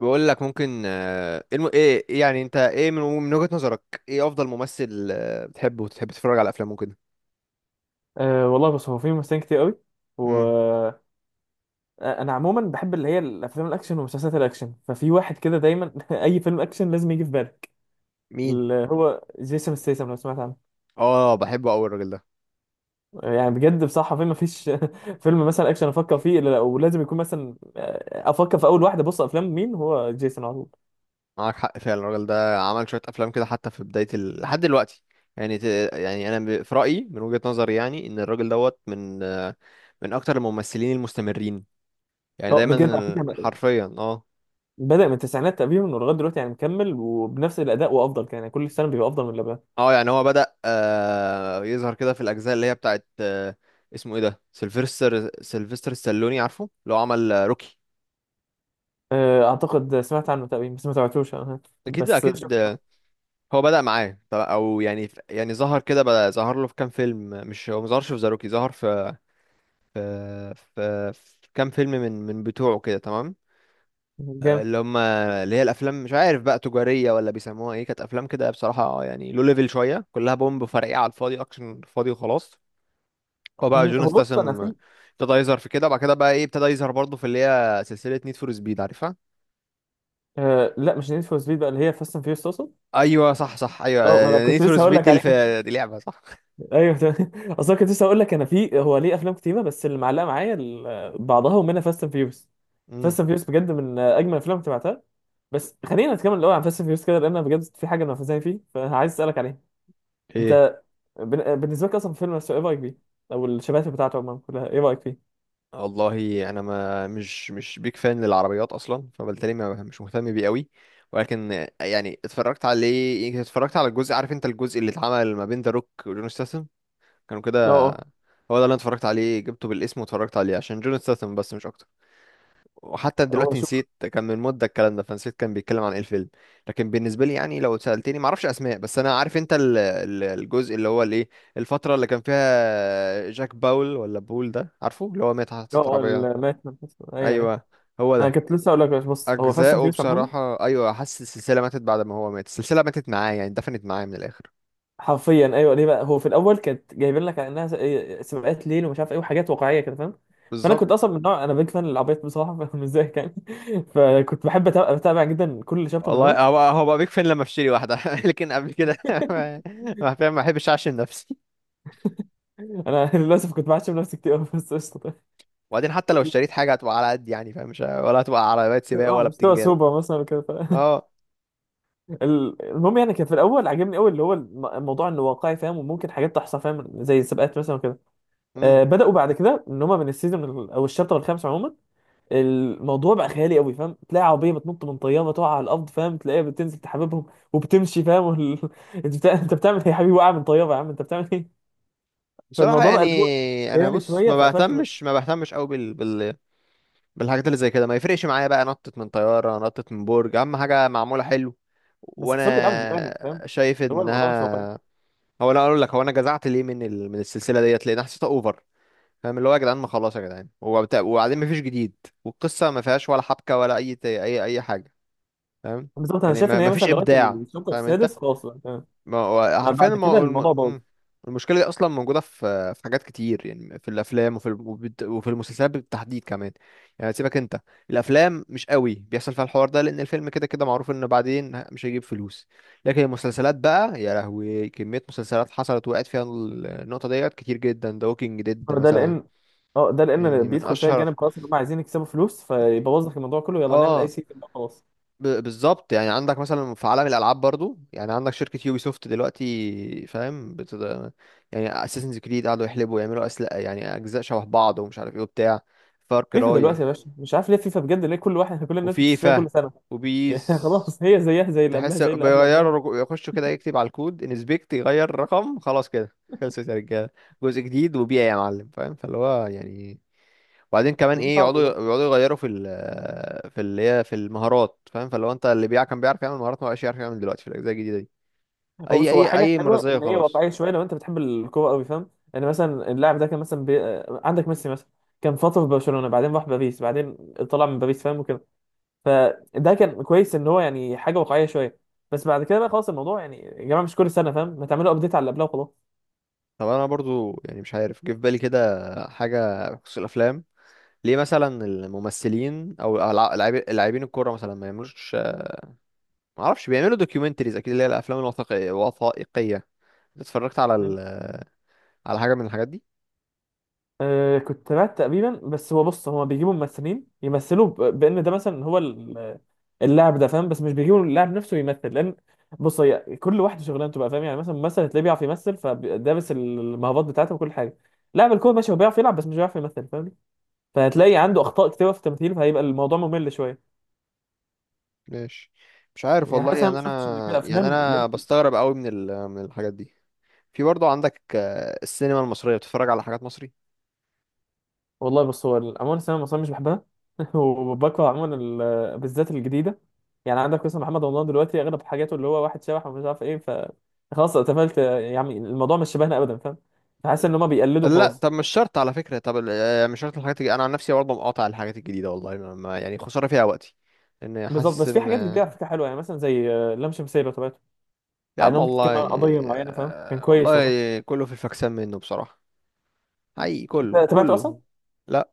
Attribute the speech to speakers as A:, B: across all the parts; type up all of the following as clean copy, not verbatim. A: بقول لك ممكن الم... ايه الم- إيه يعني انت ايه من وجهة نظرك ايه افضل ممثل بتحبه وتحب تتفرج على افلامه كده.
B: والله، بص، هو في ممثلين كتير قوي. و
A: امم
B: آه، انا عموما بحب اللي هي الافلام الاكشن ومسلسلات الاكشن. ففي واحد كده دايما اي فيلم اكشن لازم يجي في بالك،
A: مين؟
B: اللي هو جيسون ستيسم، لو سمعت عنه.
A: اه، بحبه قوي الراجل ده.
B: يعني بجد بصراحه في ما فيش فيلم مثلا اكشن افكر فيه الا لا، ولازم يكون مثلا افكر في اول واحده. بص، افلام مين؟ هو جيسون، على طول.
A: معاك حق فعلا، الراجل ده عمل شوية افلام كده حتى لحد دلوقتي. يعني ت... يعني انا في رأيي من وجهة نظري يعني ان الراجل دوت من من اكتر الممثلين المستمرين، يعني
B: لا بجد، على
A: دايما
B: فكره
A: حرفيا اه.
B: بدا من التسعينات تقريبا ولغايه دلوقتي، يعني مكمل وبنفس الاداء وافضل، كان يعني كل سنه بيبقى افضل من اللي قبلها.
A: اه، يعني هو بدأ يظهر كده في الأجزاء اللي هي بتاعت اسمه ايه ده، سيلفستر، سيلفستر ستالوني، عارفه اللي هو عمل روكي.
B: اعتقد سمعت عنه تقريبا، بس ما تابعتوش أنا.
A: أكيد
B: بس
A: أكيد
B: شفت.
A: هو بدأ معاه يعني ظهر كده، بدأ ظهر له في كام فيلم، مش هو مظهرش في ذا روكي، ظهر في في كام فيلم من بتوعه كده تمام.
B: جامد.
A: اللي هي الأفلام مش عارف بقى تجارية ولا بيسموها ايه، كانت أفلام كده بصراحة يعني لو ليفل شوية، كلها بومب فرقيعة على الفاضي، أكشن فاضي وخلاص. هو بقى
B: مم،
A: جون
B: هو بص، انا
A: استسم
B: في
A: ابتدى يظهر في كده، وبعد كده بقى ايه، ابتدى يظهر برضه في اللي هي سلسلة نيد فور سبيد، عارفها؟
B: لا، مش نيد فور سبيد، بقى اللي هي فاست اند فيوريوس تقصد.
A: ايوه صح صح ايوه.
B: اه، ما انا
A: نيد
B: كنت
A: فور
B: لسه هقول
A: سبيد
B: لك عليه.
A: دي لعبة صح.
B: ايوه، تمام، اصلا كنت لسه هقول لك انا في، هو ليه افلام كتيره بس اللي معلقه معايا بعضها، ومنها فاست اند فيوريوس.
A: امم
B: فاست اند فيوريوس بجد من اجمل الافلام اللي تبعتها. بس خلينا نتكلم الاول عن فاست اند فيوريوس كده، لان أنا بجد في حاجه انا فاهم فيه فعايز اسالك عليها.
A: ايه؟
B: انت، بالنسبه لك اصلا الفيلم نفسه، ايه رايك بيه؟ او الشباتر بتاعته عموما كلها، ايه رايك فيه؟
A: والله انا ما مش مش بيك فان للعربيات اصلا، فبالتالي ما مش مهتم بيه قوي، ولكن يعني اتفرجت عليه، يمكن اتفرجت على الجزء، عارف انت الجزء اللي اتعمل ما بين ذا روك وجون ستاثام، كانوا كده. هو
B: اه.
A: ده اللي انا اتفرجت عليه، جبته بالاسم واتفرجت عليه عشان جون ستاثام بس مش اكتر. وحتى
B: اه، هو
A: دلوقتي
B: شوف.
A: نسيت، كان من مدة الكلام ده، فنسيت كان بيتكلم عن ايه الفيلم. لكن بالنسبة لي يعني لو سألتني معرفش أسماء، بس أنا عارف أنت الجزء اللي هو الإيه، الفترة اللي كان فيها جاك باول ولا بول ده، عارفه اللي هو مات حادثة
B: اه،
A: عربية.
B: المات، ايوه ايوه.
A: أيوه، هو
B: انا
A: ده.
B: كنت لسه هقول لك، بص هو فاست اند
A: أجزاؤه
B: فيوريوس
A: بصراحة أيوه، حاسس السلسلة ماتت بعد ما هو مات، السلسلة ماتت معاه يعني، دفنت معاه من الآخر.
B: حرفيا، ايوه. ليه بقى؟ هو في الاول كانت جايبين لك على انها س- إيه، سباقات ليل، ومش عارف ايه، وحاجات واقعيه كده، فاهم؟ فانا
A: بالظبط.
B: كنت اصلا من نوع انا بيج فان للعربيات بصراحه، مش زيك يعني. فكنت بحب اتابع جدا كل شابتر
A: والله
B: منهم.
A: هو بقى بيك فين لما اشتري واحدة، لكن قبل كده ما ما أحبش أعشم نفسي.
B: انا للاسف كنت بعشم نفسي كتير أوي، بس قشطه.
A: وبعدين حتى لو اشتريت حاجه هتبقى على قد يعني، فاهم؟ مش ولا هتبقى عربيات سباق
B: اه،
A: ولا
B: مستوى
A: بتنجان.
B: سوبر مثلا كده، ف...
A: اه.
B: المهم، يعني كان في الاول عجبني قوي اللي هو الموضوع انه واقعي، فاهم؟ وممكن حاجات تحصل، فاهم؟ زي السباقات مثلا وكده.
A: امم
B: آه، بداوا بعد كده ان هم من السيزون او الشابتر الخامس عموما، الموضوع بقى خيالي قوي، فاهم؟ تلاقي عربيه بتنط من طياره تقع على الارض، فاهم؟ تلاقيها بتنزل تحببهم وبتمشي، فاهم؟ وال... انت بتاع... انت بتعمل ايه يا حبيبي؟ وقع من طياره؟ يا عم انت بتعمل ايه؟
A: بصراحه
B: فالموضوع بقى اللي هو
A: يعني انا
B: خيالي
A: بص
B: شويه
A: ما
B: فقفلت منه.
A: بهتمش ما بهتمش قوي بالحاجات اللي زي كده، ما يفرقش معايا بقى نطت من طياره، نطت من برج، اهم حاجه معموله حلو.
B: بس حسهم بيلعبوا بدماغك، فاهم؟
A: وانا شايف
B: اللي هو الموضوع مش واقعي.
A: انها، هو انا اقول لك هو انا جزعت ليه من من السلسله ديت، لان حسيتها اوفر، فاهم؟ اللي هو يا جدعان ما خلاص يا جدعان، وبعدين مفيش جديد، والقصه ما فيهاش ولا حبكه ولا اي حاجه، فاهم؟
B: بالظبط. انا
A: يعني
B: شايف
A: ما...
B: ان هي
A: مفيش
B: مثلا لغايه
A: ابداع،
B: الشوط
A: فاهم انت؟
B: السادس خلاص بقى تمام،
A: ما هو
B: ما
A: حرفيا
B: بعد
A: الم...
B: كده
A: الم...
B: الموضوع باظ.
A: مم. المشكلة دي أصلا موجودة في حاجات كتير يعني، في الأفلام وفي المسلسلات بالتحديد كمان. يعني سيبك أنت، الأفلام مش قوي بيحصل فيها الحوار ده، لأن الفيلم كده كده معروف إن بعدين مش هيجيب فلوس. لكن المسلسلات بقى يا لهوي، كمية مسلسلات حصلت وقعت فيها النقطة ديت كتير جدا، ده ووكينج ديد
B: ده
A: مثلا.
B: لان اه، ده لان
A: يعني من
B: بيدخل فيها
A: أشهر.
B: الجانب، خلاص ان هم عايزين يكسبوا فلوس فيبوظ لك الموضوع كله، يلا نعمل اي
A: اه،
B: سيستم بقى خلاص.
A: بالظبط، يعني عندك مثلا في عالم الالعاب برضو، يعني عندك شركه يوبي سوفت دلوقتي، فاهم يعني اساسنز كريد، قعدوا يحلبوا يعملوا اسلحه يعني اجزاء شبه بعض ومش عارف ايه وبتاع، فار
B: فيفا
A: كراي،
B: دلوقتي يا باشا، مش عارف ليه فيفا بجد، ليه كل واحد، كل الناس بتشتريها
A: وفيفا،
B: كل سنه؟ يعني
A: وبيس.
B: خلاص، هي زيها زي اللي قبلها
A: تحس
B: زي اللي قبل قبلها.
A: بيغيروا يخشوا كده يكتب على الكود انسبكت، يغير رقم، خلاص كده، خلصت يا رجاله، جزء جديد وبيع يا معلم، فاهم؟ فاللي هو يعني وبعدين كمان
B: كمية
A: ايه،
B: صعبة
A: يقعدوا
B: بجد.
A: يقعدوا يغيروا في ال، في اللي هي في المهارات، فاهم؟ فلو انت اللي بيع كان بيعرف يعمل مهارات ما بقاش يعرف يعمل دلوقتي في الاجزاء الجديده دي.
B: هو
A: اي
B: بص، هو
A: اي
B: حاجة
A: اي
B: حلوة
A: مرزيه
B: إن هي
A: خلاص.
B: واقعية شوية لو أنت بتحب الكورة أوي، فاهم؟ يعني مثلا اللاعب ده كان مثلا بي... آه، عندك ميسي مثلا، كان فترة في برشلونة، بعدين راح باريس، بعدين طلع من باريس، فاهم؟ وكده. فده كان كويس إن هو يعني حاجة واقعية شوية. بس بعد كده بقى خلاص الموضوع، يعني يا جماعة مش كل سنة فاهم، ما تعملوا أبديت على اللي قبلها وخلاص.
A: طب انا برضو يعني مش عارف، جه في بالي كده حاجه بخصوص الافلام. ليه مثلا الممثلين او لاعبين الكوره مثلا ما يعملوش، ما اعرفش بيعملوا دوكيومنتريز اكيد، اللي هي الافلام الوثائقيه، وثائقيه. اتفرجت على
B: مم.
A: على حاجه من الحاجات دي؟
B: أه، كنت بعت تقريبا، بس هو بص، هو بيجيبوا ممثلين يمثلوا بان ده مثلا، هو اللاعب ده، فاهم؟ بس مش بيجيبوا اللاعب نفسه يمثل، لان بص، هي كل واحد شغلانته بقى، فاهم؟ يعني مثلا ممثل هتلاقيه بيعرف يمثل، فدابس المهارات بتاعته وكل حاجه. لاعب الكوره ماشي، هو بيعرف يلعب بس مش بيعرف يمثل، فاهم؟
A: مم،
B: فهتلاقي عنده اخطاء كتيره في التمثيل، فهيبقى الموضوع ممل شويه.
A: ماشي. مش عارف
B: يعني
A: والله
B: حاسس، انا
A: يعني،
B: ما شفتش ان كده
A: انا يعني
B: افلام لا.
A: انا بستغرب قوي من من الحاجات دي. في برضه عندك السينما المصرية، بتتفرج على حاجات مصري؟
B: والله بص، هو عموما السينما المصريه مش بحبها وبكره عموما بالذات الجديده. يعني عندك مثلا محمد رمضان دلوقتي، اغلب حاجاته اللي هو واحد شبح، ومش عارف ايه، ف خلاص اتقفلت، يعني الموضوع مش شبهنا ابدا، فاهم؟ فحاسس ان هما بيقلدوا
A: لا،
B: خلاص.
A: طب مش شرط على فكرة، طب مش شرط الحاجات انا عن نفسي برضه مقاطع الحاجات الجديدة والله، يعني خسارة فيها وقتي، لان
B: بالظبط.
A: حاسس
B: بس في حاجات جديده على
A: ان.
B: فكره حلوه، يعني مثلا زي لام شمسيه، لو تابعته.
A: يا
B: على
A: عم
B: انهم بتتكلم عن
A: والله،
B: قضيه معينه، فاهم؟ كان كويس والله.
A: والله كله في الفكسان منه بصراحة. حقيقي كله
B: أنت تابعته اصلا؟
A: كله لا.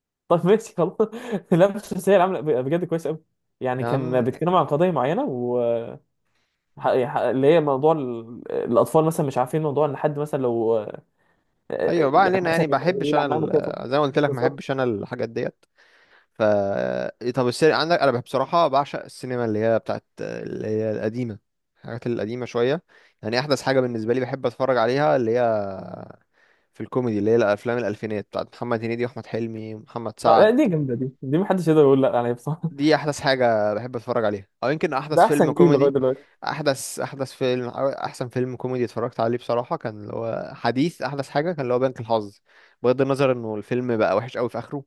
B: طب ماشي، خلاص. لام شمسيه عامله بجد كويس قوي، يعني
A: يا
B: كان
A: عم
B: بيتكلم عن قضيه معينه، و اللي هي موضوع الاطفال مثلا، مش عارفين موضوع ان حد مثلا لو
A: ايوه، بقى
B: يعني
A: علينا
B: مثلا
A: يعني، بحبش انا
B: يلعب معاهم كده.
A: زي ما قلت لك، ما
B: بالظبط.
A: بحبش انا الحاجات ديت. ف طب السينما عندك انا بصراحه بعشق السينما اللي هي بتاعت اللي هي القديمه، الحاجات القديمه شويه. يعني احدث حاجه بالنسبه لي بحب اتفرج عليها اللي هي في الكوميدي، اللي هي الافلام الالفينات بتاعت محمد هنيدي واحمد حلمي ومحمد
B: لا،
A: سعد.
B: دي جامده، دي محدش يقدر يقول لا عليها بصراحه.
A: دي احدث حاجه بحب اتفرج عليها، او يمكن احدث
B: ده
A: فيلم
B: احسن جيل لغايه
A: كوميدي.
B: دلوقتي.
A: احدث فيلم أو احسن فيلم كوميدي اتفرجت عليه بصراحه كان اللي هو حديث، احدث حاجه كان اللي هو بنك الحظ، بغض النظر انه الفيلم بقى وحش قوي في اخره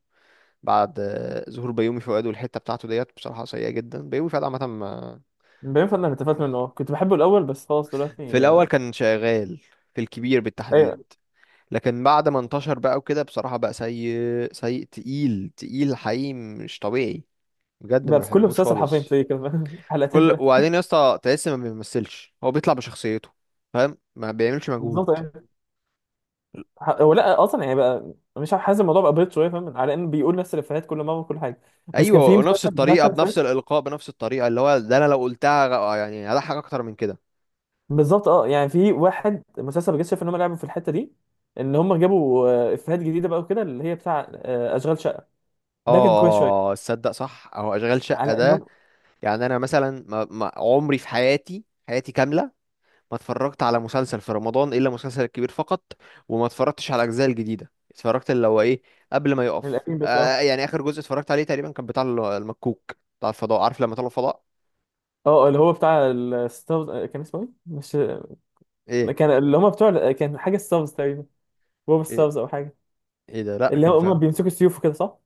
A: بعد ظهور بيومي فؤاد والحته بتاعته ديت، بصراحه سيئه جدا. بيومي فؤاد عامه
B: بينفع؟ انا اتفقت منه، كنت بحبه الاول، بس خلاص دلوقتي.
A: في الاول كان شغال في الكبير
B: آه،
A: بالتحديد، لكن بعد ما انتشر بقى وكده بصراحه بقى سيء، سيء تقيل حقيقي، مش طبيعي، بجد ما
B: بقى في كل
A: بحبوش
B: مسلسل حرفيا
A: خالص.
B: تلاقيه كده،
A: في
B: حلقتين
A: كل،
B: ثلاثه.
A: وبعدين يا اسطى تحس ما بيمثلش، هو بيطلع بشخصيته، فاهم؟ ما بيعملش مجهود.
B: بالظبط. يعني هو لا اصلا، يعني بقى مش عارف، حاسس الموضوع بقى بريد شويه، فاهم؟ على ان بيقول نفس الافيهات كل مره وكل حاجه. بس كان
A: ايوه،
B: في
A: ونفس
B: مسلسل بتاع
A: الطريقه،
B: سنة
A: بنفس
B: فاتت،
A: الالقاء، بنفس الطريقه، اللي هو ده انا لو قلتها يعني هضحك اكتر من كده.
B: بالظبط اه، يعني في واحد مسلسل بجد شايف ان هم لعبوا في الحته دي، ان هم جابوا افيهات جديده بقى، وكده، اللي هي بتاع اشغال شقه.
A: اه.
B: ده كان كويس شويه.
A: تصدق صح اهو اشغال شقه
B: على
A: ده.
B: انهم.
A: يعني انا مثلا ما عمري في حياتي، حياتي كامله ما اتفرجت على مسلسل في رمضان الا مسلسل الكبير فقط. وما اتفرجتش على الاجزاء الجديده، اتفرجت اللي هو ايه، قبل ما يقف
B: القديم، بس اه.
A: يعني، اخر جزء اتفرجت عليه تقريبا كان بتاع المكوك بتاع الفضاء، عارف لما طلعوا الفضاء.
B: اه، اللي هو بتاع الستارز، كان اسمه ايه؟ مش،
A: ايه
B: كان اللي هم بتوع، كان حاجه ستارز تقريبا، بوب
A: ايه
B: ستارز او حاجه،
A: ايه ده لا
B: اللي
A: كان
B: هم
A: فاهم.
B: بيمسكوا السيوف وكده، صح؟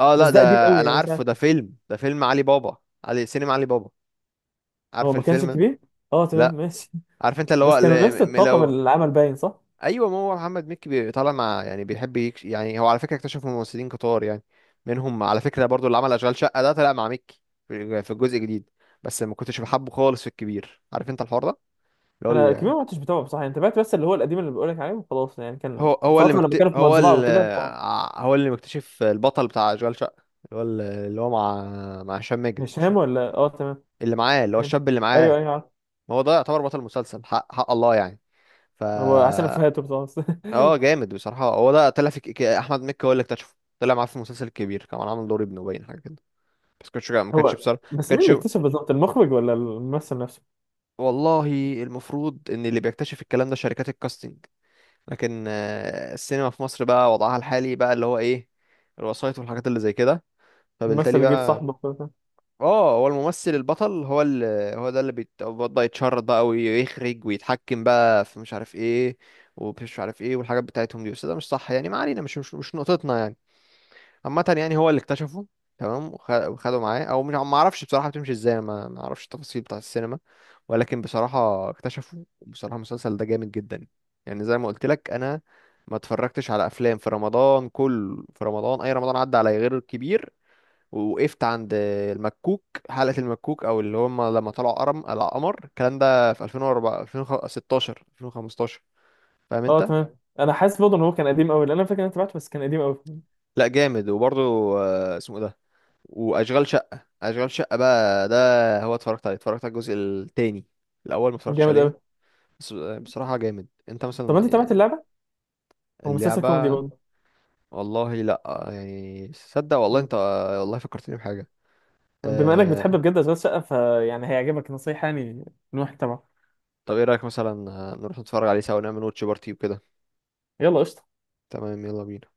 A: اه
B: بس
A: لا
B: ده
A: ده،
B: قديم قوي،
A: انا
B: يعني مش عارف.
A: عارفه ده فيلم، ده فيلم علي بابا، علي سينما علي بابا،
B: هو
A: عارف
B: ما كانش
A: الفيلم ده.
B: كبير. اه تمام
A: لا،
B: ماشي.
A: عارف انت اللي هو
B: بس كانوا نفس
A: اللي
B: الطاقم
A: لو.
B: العمل باين، صح؟
A: ايوه، ما هو محمد مكي طالع مع يعني، بيحب يعني هو على فكره اكتشف ممثلين كتار يعني، منهم على فكره برضو اللي عمل اشغال شقه ده، طلع مع مكي في الجزء الجديد. بس ما كنتش بحبه خالص في الكبير، عارف انت الحوار ده، اللي هو
B: انا
A: ال-
B: الكبير ما كنتش بتابعه بصراحه، يعني تابعت بس اللي هو القديم اللي بقول لك عليه وخلاص، يعني كان
A: هو هو اللي
B: فتره لما
A: مكت...
B: كانوا في
A: هو
B: مزرعه
A: ال...
B: وكده، ف-.
A: ع- هو اللي مكتشف البطل بتاع اشغال شقه، اللي هو اللي هو مع، مع هشام ماجد
B: هشام، ولا اه، تمام.
A: اللي معاه، اللي هو الشاب اللي
B: ايوه
A: معاه.
B: ايوه، عارف.
A: ما هو ده يعتبر بطل المسلسل حق حق الله يعني. ف
B: هو عشان افهاته بصراحه.
A: اه، جامد بصراحة. هو ده طلع في احمد مكي هو اللي اكتشفه، طلع معاه في المسلسل الكبير كمان، عامل دور ابنه باين، حاجة كده. بس ما كانش
B: هو،
A: بصراحة، ما
B: بس مين
A: كانش.
B: اللي اكتشف بالظبط؟ المخرج ولا الممثل نفسه؟
A: والله المفروض ان اللي بيكتشف الكلام ده شركات الكاستنج، لكن السينما في مصر بقى وضعها الحالي بقى اللي هو ايه، الوسايط والحاجات اللي زي كده، فبالتالي
B: الممثل اللي جه
A: بقى.
B: صاحبه وكده.
A: اه، هو الممثل البطل هو اللي، هو ده اللي بيتبدا يتشرط بقى ويخرج ويتحكم بقى في مش عارف ايه ومش عارف ايه والحاجات بتاعتهم دي، بس ده مش صح يعني، ما علينا، مش نقطتنا يعني. عامة يعني هو اللي اكتشفه تمام، وخده معاه او مش، ما اعرفش بصراحة بتمشي ازاي، ما اعرفش التفاصيل بتاع السينما، ولكن بصراحة اكتشفه، وبصراحة المسلسل ده جامد جدا. يعني زي ما قلت لك انا ما اتفرجتش على افلام في رمضان كله، في رمضان اي رمضان عدى عليا غير الكبير، ووقفت عند المكوك، حلقة المكوك او اللي هم لما طلعوا قرم على قمر، الكلام ده في 2004 2016 2015، فاهم
B: اه
A: انت؟
B: تمام، انا حاسس برضه ان هو كان قديم قوي، لان انا فاكر ان انا تابعته بس كان قديم قوي.
A: لا جامد، وبرضه اسمه إيه ده، واشغال شقه، اشغال شقه بقى ده، هو اتفرجت عليه، اتفرجت على الجزء التاني، الاول ما اتفرجتش
B: جامد قوي.
A: عليه، بس بصراحه جامد. انت
B: طب انت
A: مثلا
B: تابعت اللعبه؟ هو مسلسل كوميدي
A: اللعبه؟ والله لا. يعني صدق والله
B: برضه.
A: انت، والله فكرتني بحاجه.
B: بما انك بتحب
A: أه...
B: بجد اشغال شقه، فيعني هيعجبك، نصيحه يعني من واحد تبعه.
A: طب ايه رايك مثلا نروح نتفرج عليه سوا ونعمل واتش بارتي وكده.
B: يلا، قشطه.
A: تمام يلا بينا.